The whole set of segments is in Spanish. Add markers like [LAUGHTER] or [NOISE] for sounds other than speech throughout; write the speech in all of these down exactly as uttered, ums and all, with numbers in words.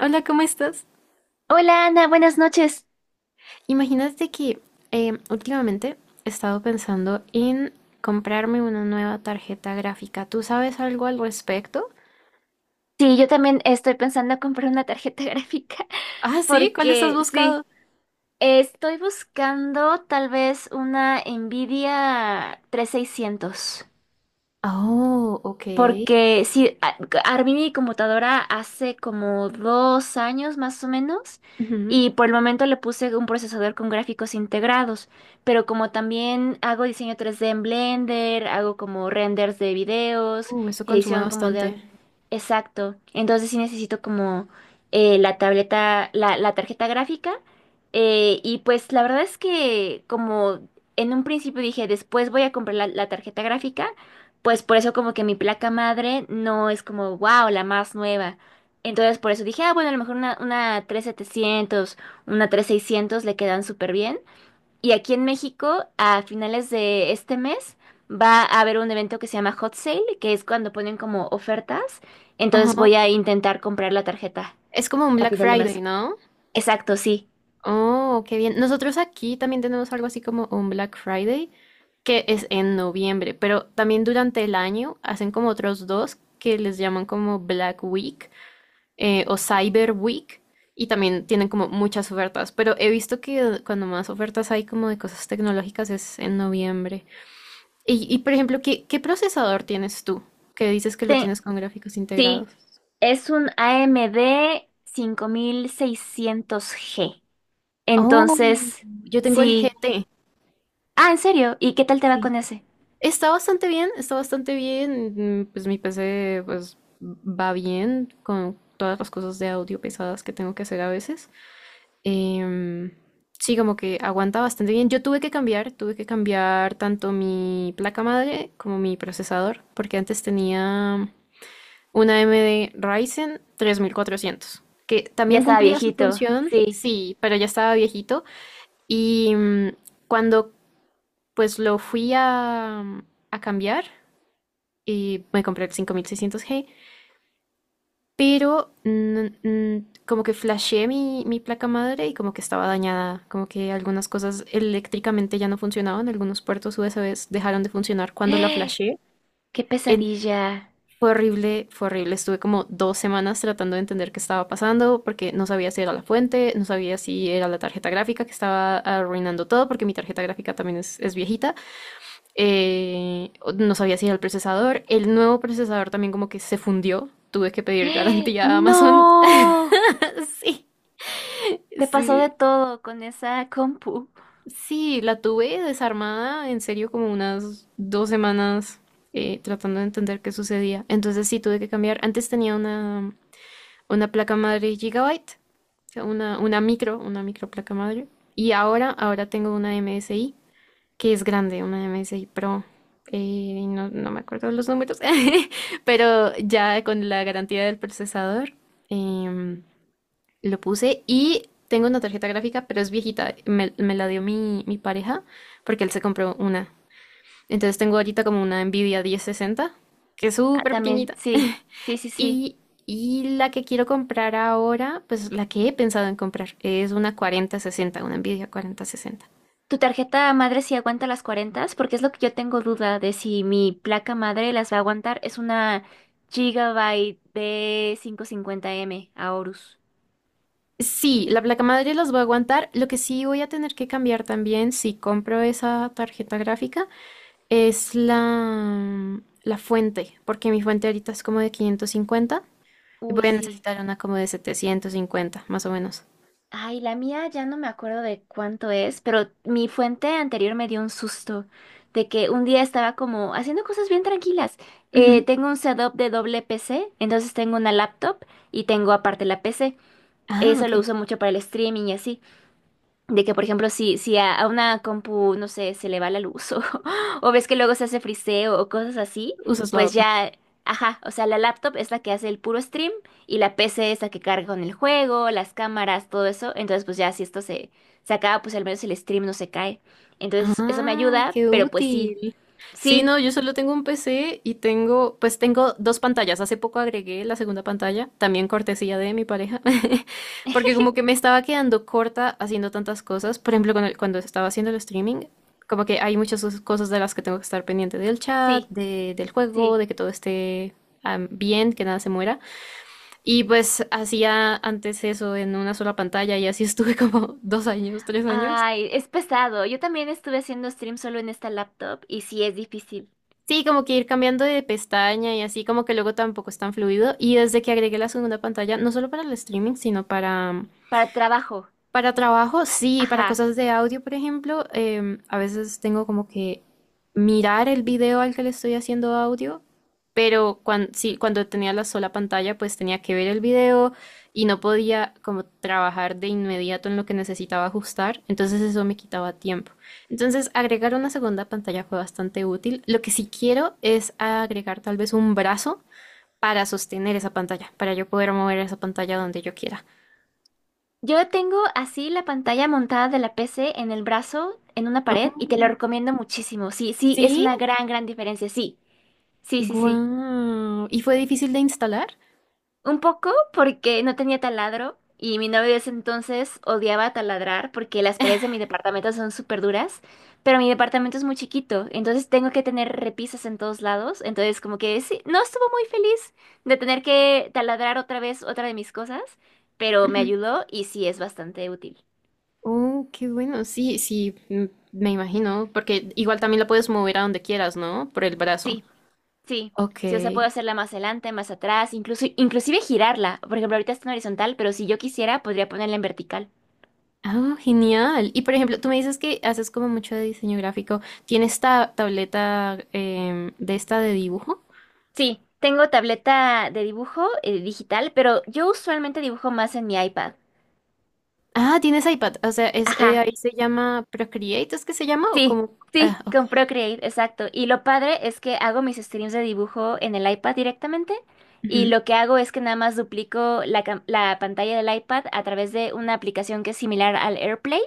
Hola, ¿cómo estás? Hola Ana, buenas noches. Imagínate que eh, últimamente he estado pensando en comprarme una nueva tarjeta gráfica. ¿Tú sabes algo al respecto? Sí, yo también estoy pensando en comprar una tarjeta [LAUGHS] gráfica Ah, sí, ¿cuál estás porque sí, buscando? estoy buscando tal vez una Nvidia tres seiscientos. Oh, ok. Porque sí, a- armé mi computadora hace como dos años más o menos Ujú. y por el momento le puse un procesador con gráficos integrados, pero como también hago diseño tres d en Blender, hago como renders de videos, Uh, eso consume edición como de... bastante. Exacto, entonces sí necesito como eh, la tableta, la, la tarjeta gráfica eh, y pues la verdad es que como en un principio dije después voy a comprar la la tarjeta gráfica, pues por eso como que mi placa madre no es como, wow, la más nueva. Entonces por eso dije, ah, bueno, a lo mejor una, una tres mil setecientos, una tres mil seiscientos le quedan súper bien. Y aquí en México, a finales de este mes, va a haber un evento que se llama Hot Sale, que es cuando ponen como ofertas. Entonces Ajá. voy a intentar comprar la tarjeta Es como un a Black final de Friday, mes. ¿no? Exacto, sí. Oh, qué bien. Nosotros aquí también tenemos algo así como un Black Friday, que es en noviembre, pero también durante el año hacen como otros dos que les llaman como Black Week, eh, o Cyber Week, y también tienen como muchas ofertas, pero he visto que cuando más ofertas hay como de cosas tecnológicas es en noviembre. Y, y, por ejemplo, ¿qué, qué procesador tienes tú? Que dices que lo Te- tienes con gráficos integrados. sí, es un A M D seiscientos g. Oh, Entonces... yo tengo el Sí. G T. Ah, ¿en serio? ¿Y qué tal te va Sí. con ese? Está bastante bien, está bastante bien. mm, Pues mi P C pues va bien con todas las cosas de audio pesadas que tengo que hacer a veces. Em, sí, como que aguanta bastante bien. Yo tuve que cambiar, tuve que cambiar tanto mi placa madre como mi procesador, porque antes tenía una A M D Ryzen tres mil cuatrocientos, que Ya también estaba cumplía su viejito, función, sí. sí, pero ya estaba viejito. Y mm, cuando pues lo fui a, a cambiar, y me compré el cinco mil seiscientos g, pero mm, mm, como que flasheé mi, mi placa madre, y como que estaba dañada, como que algunas cosas eléctricamente ya no funcionaban, algunos puertos U S B dejaron de funcionar [GASPS] cuando la ¡Eh! flasheé. ¡Qué En- pesadilla! Fue horrible, fue horrible. Estuve como dos semanas tratando de entender qué estaba pasando, porque no sabía si era la fuente, no sabía si era la tarjeta gráfica que estaba arruinando todo, porque mi tarjeta gráfica también es, es viejita, eh, no sabía si era el procesador. El nuevo procesador también como que se fundió. Tuve que [GASPS] pedir ¡Eh! garantía a Amazon. ¡No! [LAUGHS] Sí, Te pasó de sí, todo con esa compu. sí, la tuve desarmada en serio como unas dos semanas, eh, tratando de entender qué sucedía. Entonces sí, tuve que cambiar. Antes tenía una, una placa madre Gigabyte, o sea, una, una micro, una micro placa madre. Y ahora, ahora tengo una M S I, que es grande, una M S I Pro. Eh, y no, no me acuerdo los números, [LAUGHS] pero ya con la garantía del procesador, em, lo puse y tengo una tarjeta gráfica, pero es viejita. Me, me la dio mi, mi pareja, porque él se compró una. Entonces tengo ahorita como una Nvidia diez sesenta, que es Ah, súper también, pequeñita. sí, sí, [LAUGHS] sí, sí. Y, y la que quiero comprar ahora, pues la que he pensado en comprar, es una cuarenta sesenta, una Nvidia cuatro mil sesenta. ¿Tu tarjeta madre sí aguanta las cuarenta? Porque es lo que yo tengo duda de si mi placa madre las va a aguantar. Es una Gigabyte b quinientos cincuenta m Aorus. Sí, la placa madre los voy a aguantar. Lo que sí voy a tener que cambiar también, si compro esa tarjeta gráfica, es la, la fuente, porque mi fuente ahorita es como de quinientos cincuenta, y Uy, voy a sí. necesitar una como de setecientos cincuenta, más o menos. Ay, la mía ya no me acuerdo de cuánto es, pero mi fuente anterior me dio un susto de que un día estaba como haciendo cosas bien tranquilas. Eh, Ujú. Tengo un setup de doble P C, entonces tengo una laptop y tengo aparte la P C. Ah, Eso lo ok. uso mucho para el streaming y así. De que, por ejemplo, si, si a, a una compu, no sé, se le va la luz o, [LAUGHS] o ves que luego se hace friseo o cosas así, Usas la pues otra. ya, ajá, o sea, la laptop es la que hace el puro stream y la P C es la que carga con el juego, las cámaras, todo eso. Entonces, pues ya si esto se, se acaba, pues al menos el stream no se cae. Entonces, eso me Ah, ayuda, qué pero pues sí, útil. Sí, sí, no, yo solo tengo un P C y tengo, pues tengo dos pantallas. Hace poco agregué la segunda pantalla, también cortesía de mi pareja, [LAUGHS] porque [LAUGHS] como que me estaba quedando corta haciendo tantas cosas. Por ejemplo, con el- cuando estaba haciendo el streaming, como que hay muchas os- cosas de las que tengo que estar pendiente, del chat, sí, de- del juego, sí. de que todo esté am, bien, que nada se muera. Y pues hacía antes eso en una sola pantalla, y así estuve como [LAUGHS] dos años, tres años. Ay, es pesado. Yo también estuve haciendo stream solo en esta laptop y sí es difícil. Sí, como que ir cambiando de pestaña y así, como que luego tampoco es tan fluido. Y desde que agregué la segunda pantalla, no solo para el streaming, sino para, Para trabajo, para trabajo, sí, para ajá. cosas de audio, por ejemplo, em, a veces tengo como que mirar el video al que le estoy haciendo audio, pero cuando, sí, cuando tenía la sola pantalla, pues tenía que ver el video y no podía como trabajar de inmediato en lo que necesitaba ajustar, entonces eso me quitaba tiempo. Entonces, agregar una segunda pantalla fue bastante útil. Lo que sí quiero es agregar tal vez un brazo para sostener esa pantalla, para yo poder mover esa pantalla donde yo quiera. Yo tengo así la pantalla montada de la P C en el brazo, en una pared, y te Mm. lo recomiendo muchísimo. Sí, sí, es Sí. una gran, gran diferencia. Sí, sí, sí, sí. Guau. ¿Y fue difícil de instalar? Un poco porque no tenía taladro y mi novio de ese entonces odiaba taladrar porque las paredes de mi departamento son súper duras, pero mi departamento es muy chiquito, entonces tengo que tener repisas en todos lados. Entonces, como que sí, no estuvo muy feliz de tener que taladrar otra vez otra de mis cosas, pero me Ujú. ayudó y sí es bastante útil. Oh, qué bueno. Sí, sí, mm, me imagino, porque igual también la puedes mover a donde quieras, ¿no? Por el brazo. Sí. Sí, Ok. sí, o sea, puedo hacerla más adelante, más atrás, incluso, inclusive girarla. Por ejemplo, ahorita está en horizontal, pero si yo quisiera, podría ponerla en vertical. Ah, genial. Y por ejemplo, tú me dices que haces como mucho de diseño gráfico. ¿Tienes ta- tableta em, de esta de dibujo? Sí, tengo tableta de dibujo eh, digital, pero yo usualmente dibujo más en mi iPad. Ah, tienes iPad. O sea, es, eh, Ajá, ahí se llama Procreate, ¿es que se llama? O sí, como... sí, Ah, ok. con Procreate, exacto. Y lo padre es que hago mis streams de dibujo en el iPad directamente. Y Ujú. lo que hago es que nada más duplico la, cam- la pantalla del iPad a través de una aplicación que es similar al AirPlay.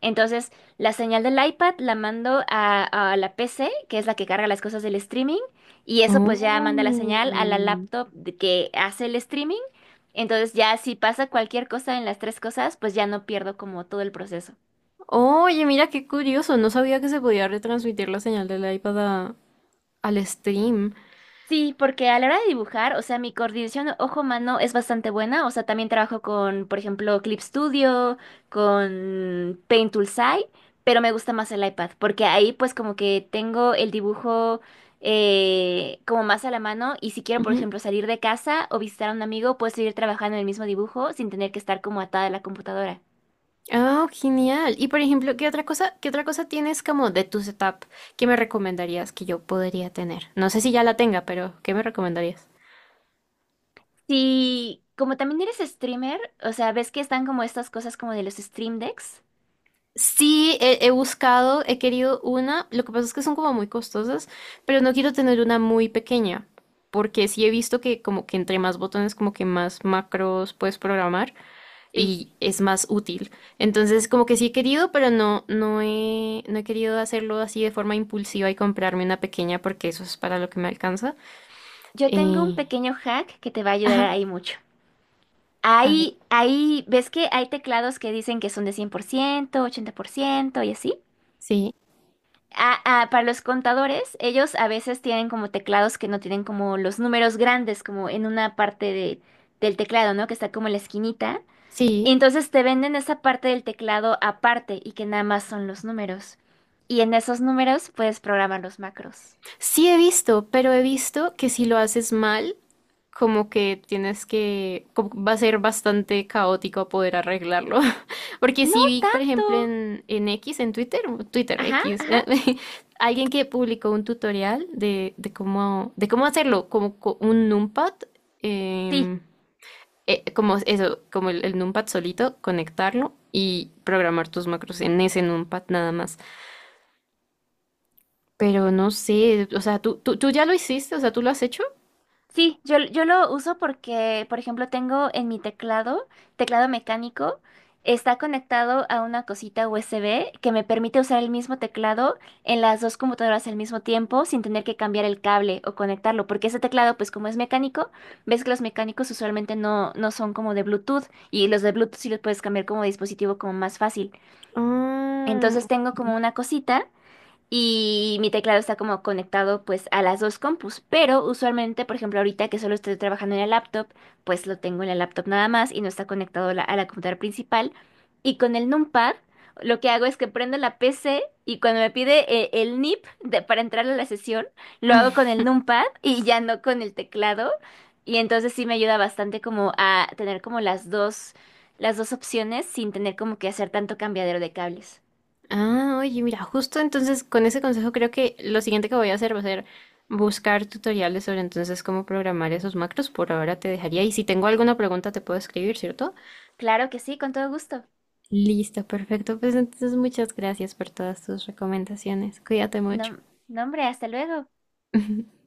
Entonces, la señal del iPad la mando a, a la P C, que es la que carga las cosas del streaming, y eso pues ya manda la señal a la Oh. laptop de que hace el streaming. Entonces, ya si pasa cualquier cosa en las tres cosas, pues ya no pierdo como todo el proceso. Oye, mira qué curioso, no sabía que se podía retransmitir la señal del iPad a- al stream. Sí, porque a la hora de dibujar, o sea, mi coordinación ojo-mano es bastante buena. O sea, también trabajo con, por ejemplo, Clip Studio, con Paint Toolside, pero me gusta más el iPad, porque ahí pues como que tengo el dibujo eh, como más a la mano y si quiero, por Ujú. ejemplo, salir de casa o visitar a un amigo, puedo seguir trabajando en el mismo dibujo sin tener que estar como atada a la computadora. Ah, genial. Y por ejemplo, ¿qué otra cosa, qué otra cosa tienes como de tu setup que me recomendarías que yo podría tener? No sé si ya la tenga, pero ¿qué me recomendarías? Sí, como también eres streamer, o sea, ves que están como estas cosas como de los stream decks. Sí, he, he buscado, he querido una, lo que pasa es que son como muy costosas, pero no quiero tener una muy pequeña, porque sí he visto que como que entre más botones, como que más macros puedes programar, Sí. y es más útil. Entonces, como que sí he querido, pero no, no he, no he querido hacerlo así de forma impulsiva y comprarme una pequeña porque eso es para lo que me alcanza. Yo tengo un Eh, pequeño hack que te va a ayudar ajá, ahí mucho. a ver, Ahí, ahí, ¿ves que hay teclados que dicen que son de cien por ciento, ochenta por ciento y así? sí, Ah, ah, para los contadores, ellos a veces tienen como teclados que no tienen como los números grandes, como en una parte de- del teclado, ¿no? Que está como en la esquinita. sí, Y entonces te venden esa parte del teclado aparte y que nada más son los números. Y en esos números puedes programar los macros. sí he visto, pero he visto que si lo haces mal, como que tienes que, como va a ser bastante caótico poder arreglarlo. [LAUGHS] Porque No sí vi, por ejemplo, tanto. en, en X, en Twitter, Twitter Ajá, X, ajá. [LAUGHS] alguien que publicó un tutorial de, de cómo, de cómo hacerlo, como co- un numpad, Sí. em, eh, como eso, como el, el numpad solito, conectarlo y programar tus macros en ese numpad nada más. Pero no sé, o sea, ¿tú, tú, tú ya lo hiciste? O sea, ¿tú lo has hecho? Sí, yo, yo lo uso porque, por ejemplo, tengo en mi teclado, teclado mecánico, está conectado a una cosita U S B que me permite usar el mismo teclado en las dos computadoras al mismo tiempo sin tener que cambiar el cable o conectarlo, porque ese teclado, pues como es mecánico, ves que los mecánicos usualmente no, no son como de Bluetooth y los de Bluetooth sí los puedes cambiar como dispositivo como más fácil. Ah. Entonces tengo como una cosita. Y mi teclado está como conectado pues a las dos compus, pero usualmente, por ejemplo, ahorita que solo estoy trabajando en la laptop, pues lo tengo en la laptop nada más y no está conectado la- a la computadora principal. Y con el numpad, lo que hago es que prendo la P C y cuando me pide eh, el N I P de- para entrar a la sesión, lo [LAUGHS] hago con el numpad y ya no con el teclado. Y entonces sí me ayuda bastante como a tener como las dos, las dos opciones sin tener como que hacer tanto cambiadero de cables. Ah, oye, mira, justo entonces con ese consejo creo que lo siguiente que voy a hacer va a ser buscar tutoriales sobre entonces cómo programar esos macros. Por ahora te dejaría, y si tengo alguna pregunta te puedo escribir, ¿cierto? Claro que sí, con todo gusto. Listo, perfecto. Pues entonces muchas gracias por todas tus recomendaciones. Cuídate mucho. No, no, hombre, hasta luego. [LAUGHS]